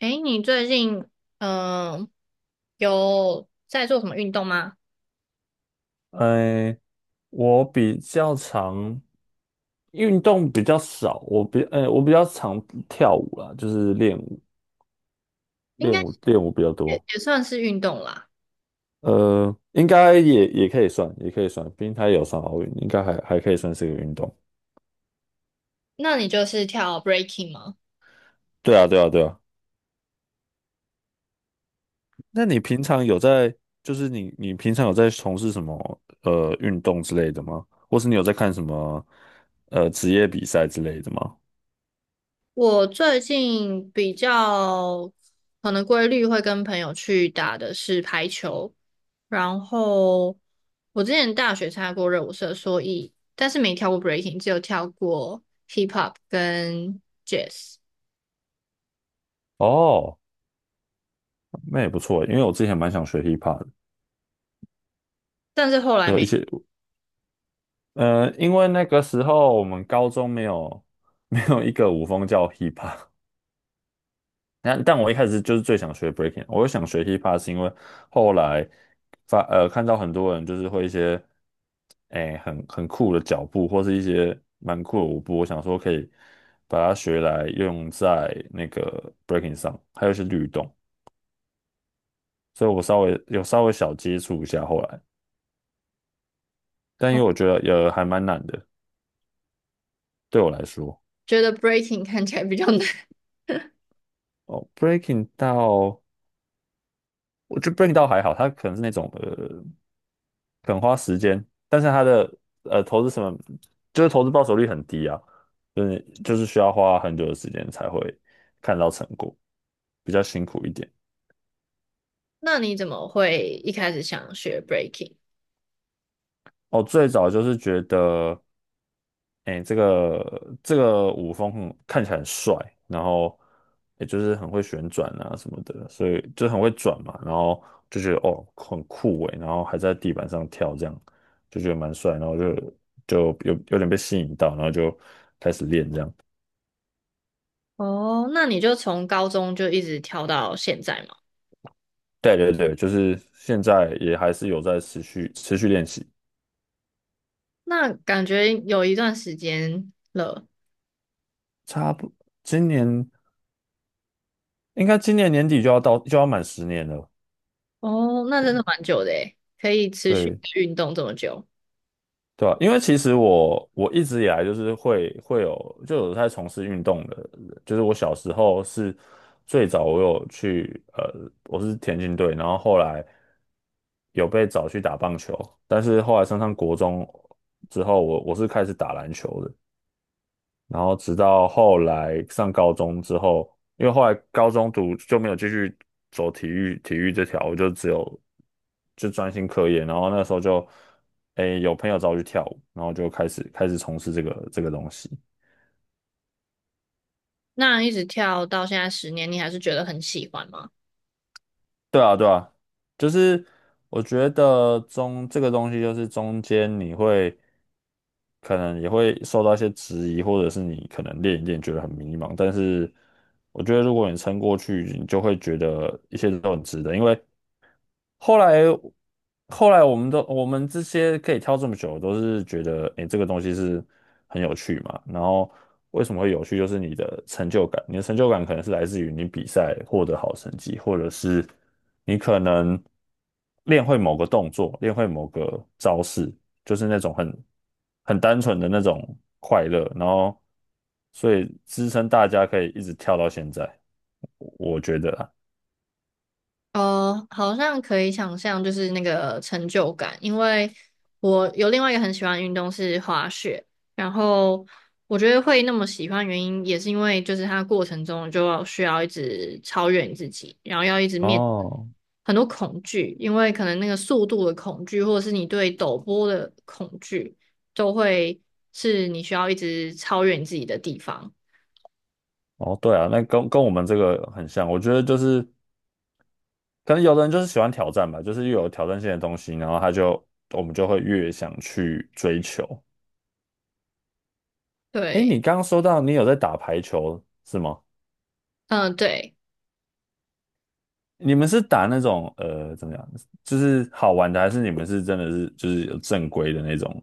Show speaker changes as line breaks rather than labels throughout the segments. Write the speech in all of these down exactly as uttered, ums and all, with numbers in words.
诶，你最近嗯、呃有在做什么运动吗？
哎，我比较常运动比较少，我比哎我比较常跳舞啦，就是练舞
应该
练舞练舞比较
也
多。
也算是运动啦。
呃，应该也也可以算，也可以算，毕竟它也有上奥运，应该还还可以算是个运动。
那你就是跳 breaking 吗？
对啊，对啊，对啊。那你平常有在，就是你你平常有在从事什么呃运动之类的吗？或是你有在看什么呃职业比赛之类的吗？
我最近比较可能规律会跟朋友去打的是排球，然后我之前大学参加过热舞社，所以但是没跳过 breaking，只有跳过 hip hop 跟 jazz，
哦，那也不错，因为我之前蛮想学 hiphop 的，
但是后来
有一
没
些呃，因为那个时候我们高中没有没有一个舞风叫 hip hop，但但我一开始就是最想学 breaking，我想学 hip hop 是因为后来发呃看到很多人就是会一些哎很很酷的脚步或是一些蛮酷的舞步，我想说可以把它学来用在那个 breaking 上，还有一些律动，所以我稍微有稍微小接触一下后来，但因为我觉得也还蛮难的，对我来说。
觉得 breaking 看起来比较难。
哦，breaking 到我觉得 Break 倒还好，它可能是那种呃，肯花时间，但是它的呃投资什么，就是投资报酬率很低啊，就是就是需要花很久的时间才会看到成果，比较辛苦一点。
那你怎么会一开始想学 breaking？
哦，最早就是觉得，哎，这个这个舞风很看起来很帅，然后也就是很会旋转啊什么的，所以就很会转嘛，然后就觉得哦很酷诶，然后还在地板上跳，这样就觉得蛮帅，然后就就有有点被吸引到，然后就开始练这样。
哦，那你就从高中就一直跳到现在嘛？
对对对，就是现在也还是有在持续持续练习，
那感觉有一段时间了。
差不今年应该今年年底就要到就要满十年了，
哦，那真的蛮久的诶，可以持续
对。
运动这么久，
对啊，因为其实我我一直以来就是会会有就有在从事运动的人就是我小时候是最早我有去呃我是田径队，然后后来有被找去打棒球，但是后来升上国中之后，我我是开始打篮球的，然后直到后来上高中之后，因为后来高中读就没有继续走体育体育这条，我就只有就专心课业。然后那时候就，诶，有朋友找我去跳舞，然后就开始开始从事这个这个东西。
那一直跳到现在十年，你还是觉得很喜欢吗？
对啊，对啊，就是我觉得中这个东西，就是中间你会可能也会受到一些质疑，或者是你可能练一练觉得很迷茫，但是我觉得如果你撑过去，你就会觉得一切都很值得，因为后来后来我们都我们这些可以跳这么久，都是觉得诶、这个东西是很有趣嘛。然后为什么会有趣，就是你的成就感，你的成就感可能是来自于你比赛获得好成绩，或者是你可能练会某个动作，练会某个招式，就是那种很很单纯的那种快乐。然后所以支撑大家可以一直跳到现在，我我觉得啊
哦，好像可以想象，就是那个成就感，因为我有另外一个很喜欢的运动是滑雪，然后我觉得会那么喜欢，原因也是因为就是它过程中就要需要一直超越你自己，然后要一直面
哦。
很多恐惧，因为可能那个速度的恐惧，或者是你对陡坡的恐惧，都会是你需要一直超越你自己的地方。
哦，对啊，那跟跟我们这个很像，我觉得就是可能有的人就是喜欢挑战吧，就是越有挑战性的东西，然后他就我们就会越想去追求。诶，
对，
你刚刚说到你有在打排球是吗？
嗯、对。
你们是打那种呃怎么样，就是好玩的，还是你们是真的是就是有正规的那种，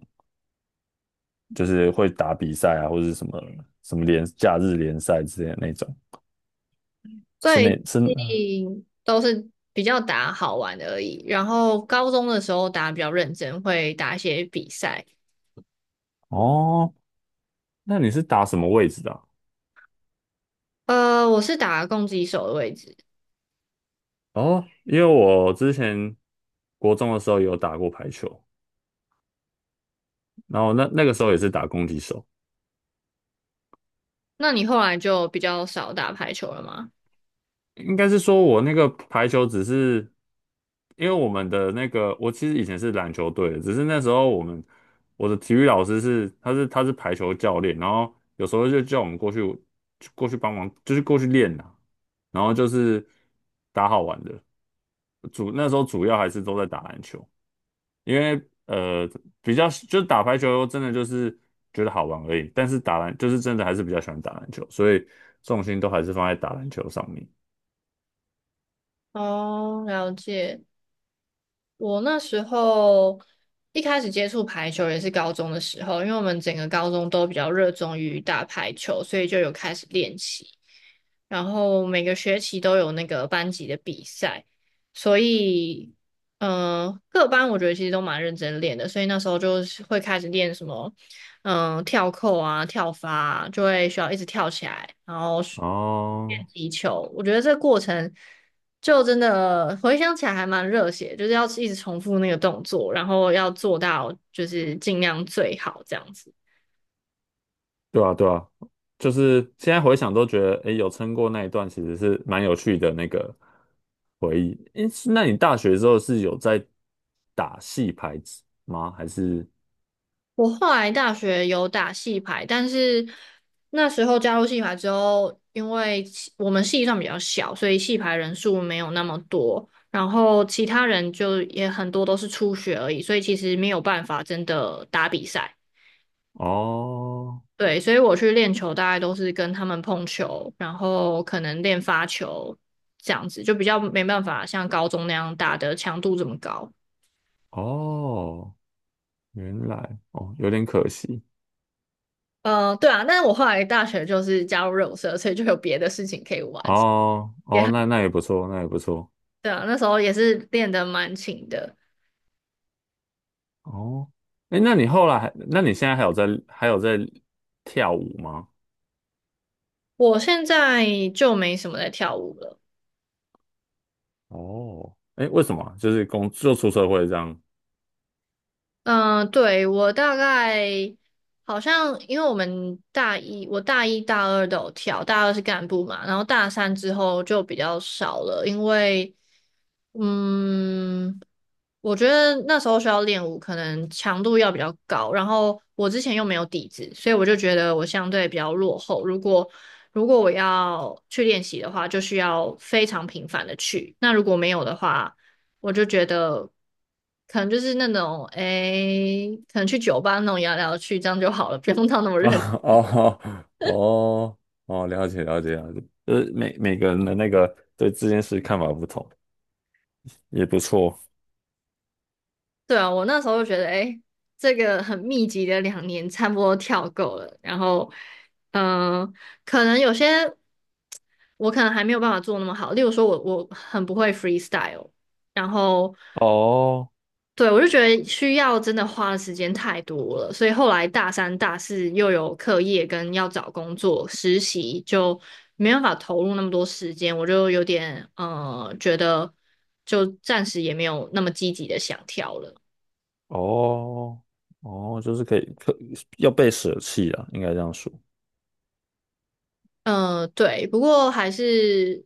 就是会打比赛啊，或者是什么什么联假日联赛之类的那种？是那
最
是
近都是比较打好玩而已，然后高中的时候打比较认真，会打一些比赛。
哦，那你是打什么位置的啊。
呃，我是打攻击手的位置，
哦，因为我之前国中的时候有打过排球，然后那那个时候也是打攻击手，
那你后来就比较少打排球了吗？
应该是说我那个排球只是因为我们的那个，我其实以前是篮球队的，只是那时候我们我的体育老师是他是他是排球教练，然后有时候就叫我们过去过去帮忙，就是过去练啦，然后就是打好玩的，主那时候主要还是都在打篮球。因为呃比较就是打排球真的就是觉得好玩而已，但是打篮就是真的还是比较喜欢打篮球，所以重心都还是放在打篮球上面。
哦，了解。我那时候一开始接触排球也是高中的时候，因为我们整个高中都比较热衷于打排球，所以就有开始练习。然后每个学期都有那个班级的比赛，所以，嗯、各班我觉得其实都蛮认真练的，所以那时候就是会开始练什么嗯跳扣啊、跳发啊，就会需要一直跳起来，然后练
哦，
击球。我觉得这个过程就真的回想起来还蛮热血，就是要一直重复那个动作，然后要做到就是尽量最好这样子。
对啊对啊，就是现在回想都觉得，诶，有撑过那一段其实是蛮有趣的那个回忆。诶，是那你大学之后是有在打戏牌子吗？还是
我后来大学有打戏排，但是那时候加入戏排之后，因为系我们系上比较小，所以戏排人数没有那么多，然后其他人就也很多都是初学而已，所以其实没有办法真的打比赛。
哦
对，所以我去练球大概都是跟他们碰球，然后可能练发球这样子，就比较没办法像高中那样打的强度这么高。
哦，原来哦有点可惜。
呃，对啊，但是我后来大学就是加入热舞社，所以就有别的事情可以玩。
哦哦，那那也不错，那也不错。
对啊，那时候也是练得蛮勤的。
哦，哎，那你后来还，那你现在还有在还有在跳舞吗？
我现在就没什么在跳舞了。
哦，哎，为什么啊就是工就出社会这样，
嗯，对，我大概好像因为我们大一，我大一大二都有跳，大二是干部嘛，然后大三之后就比较少了，因为嗯，我觉得那时候需要练舞可能强度要比较高，然后我之前又没有底子，所以我就觉得我相对比较落后。如果如果我要去练习的话，就需要非常频繁的去，那如果没有的话。我就觉得可能就是那种，诶，可能去酒吧那种摇来摇去，这样就好了，不用到那么 认。
啊，哦，哦，哦，了解，了解，了解，呃，每每个人的那个对这件事看法不同，也不错。
对啊，我那时候就觉得，诶，这个很密集的两年差不多跳够了，然后，嗯、可能有些我可能还没有办法做那么好，例如说我我很不会 freestyle，然后。
哦，
对，我就觉得需要真的花的时间太多了，所以后来大三、大四又有课业跟要找工作、实习，就没办法投入那么多时间，我就有点呃觉得就暂时也没有那么积极的想跳了。
哦，哦，就是可以，可要被舍弃啊，应该这样说。
呃，对，不过还是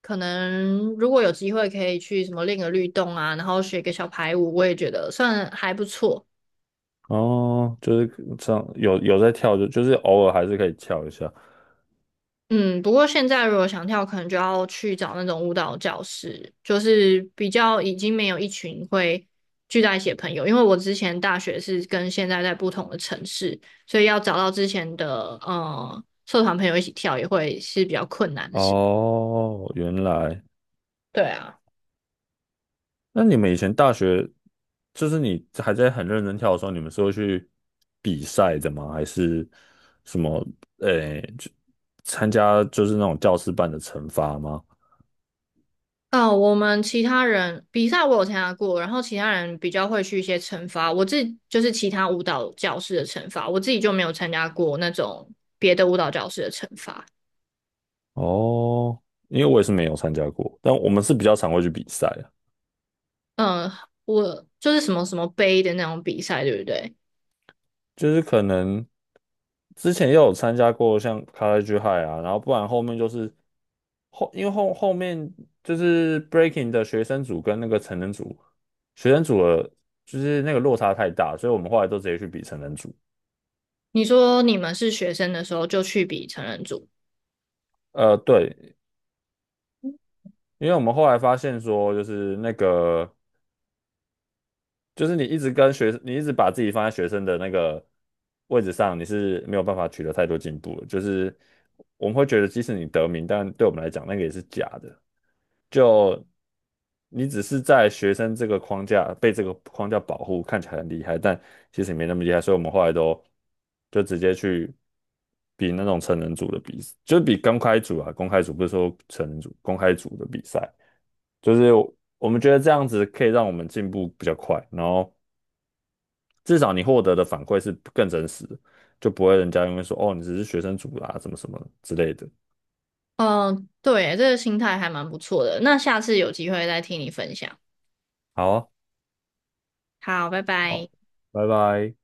可能如果有机会可以去什么练个律动啊，然后学个小排舞，我也觉得算还不错。
哦，就是这样，有有在跳，就就是偶尔还是可以跳一下。
嗯，不过现在如果想跳，可能就要去找那种舞蹈教室，就是比较已经没有一群会聚在一起的朋友。因为我之前大学是跟现在在不同的城市，所以要找到之前的呃社团朋友一起跳，也会是比较困难的事。
哦，原来。
对啊，
那你们以前大学，就是你还在很认真跳的时候，你们是会去比赛的吗？还是什么？诶、就参加就是那种教师办的惩罚吗？
哦，我们其他人比赛我有参加过，然后其他人比较会去一些惩罚，我自己就是其他舞蹈教室的惩罚，我自己就没有参加过那种别的舞蹈教室的惩罚。
哦，因为我也是没有参加过，但我们是比较常会去比赛。
嗯，我就是什么什么杯的那种比赛，对不对？
就是可能之前也有参加过像 College High 啊，然后不然后面就是后，因为后后面就是 Breaking 的学生组跟那个成人组，学生组的就是那个落差太大，所以我们后来都直接去比成人组。
你说你们是学生的时候就去比成人组，
呃，对，因为我们后来发现说，就是那个，就是你一直跟学，你一直把自己放在学生的那个位置上，你是没有办法取得太多进步的。就是我们会觉得，即使你得名，但对我们来讲，那个也是假的。就你只是在学生这个框架被这个框架保护，看起来很厉害，但其实也没那么厉害，所以我们后来都就直接去比那种成人组的比，就是比公开组啊，公开组不是说成人组，公开组的比赛，就是我们觉得这样子可以让我们进步比较快，然后至少你获得的反馈是更真实的，就不会人家因为说哦你只是学生组啦、什么什么之类的。
嗯，对，这个心态还蛮不错的。那下次有机会再听你分享。
好啊，
好，拜
好，
拜。
拜拜。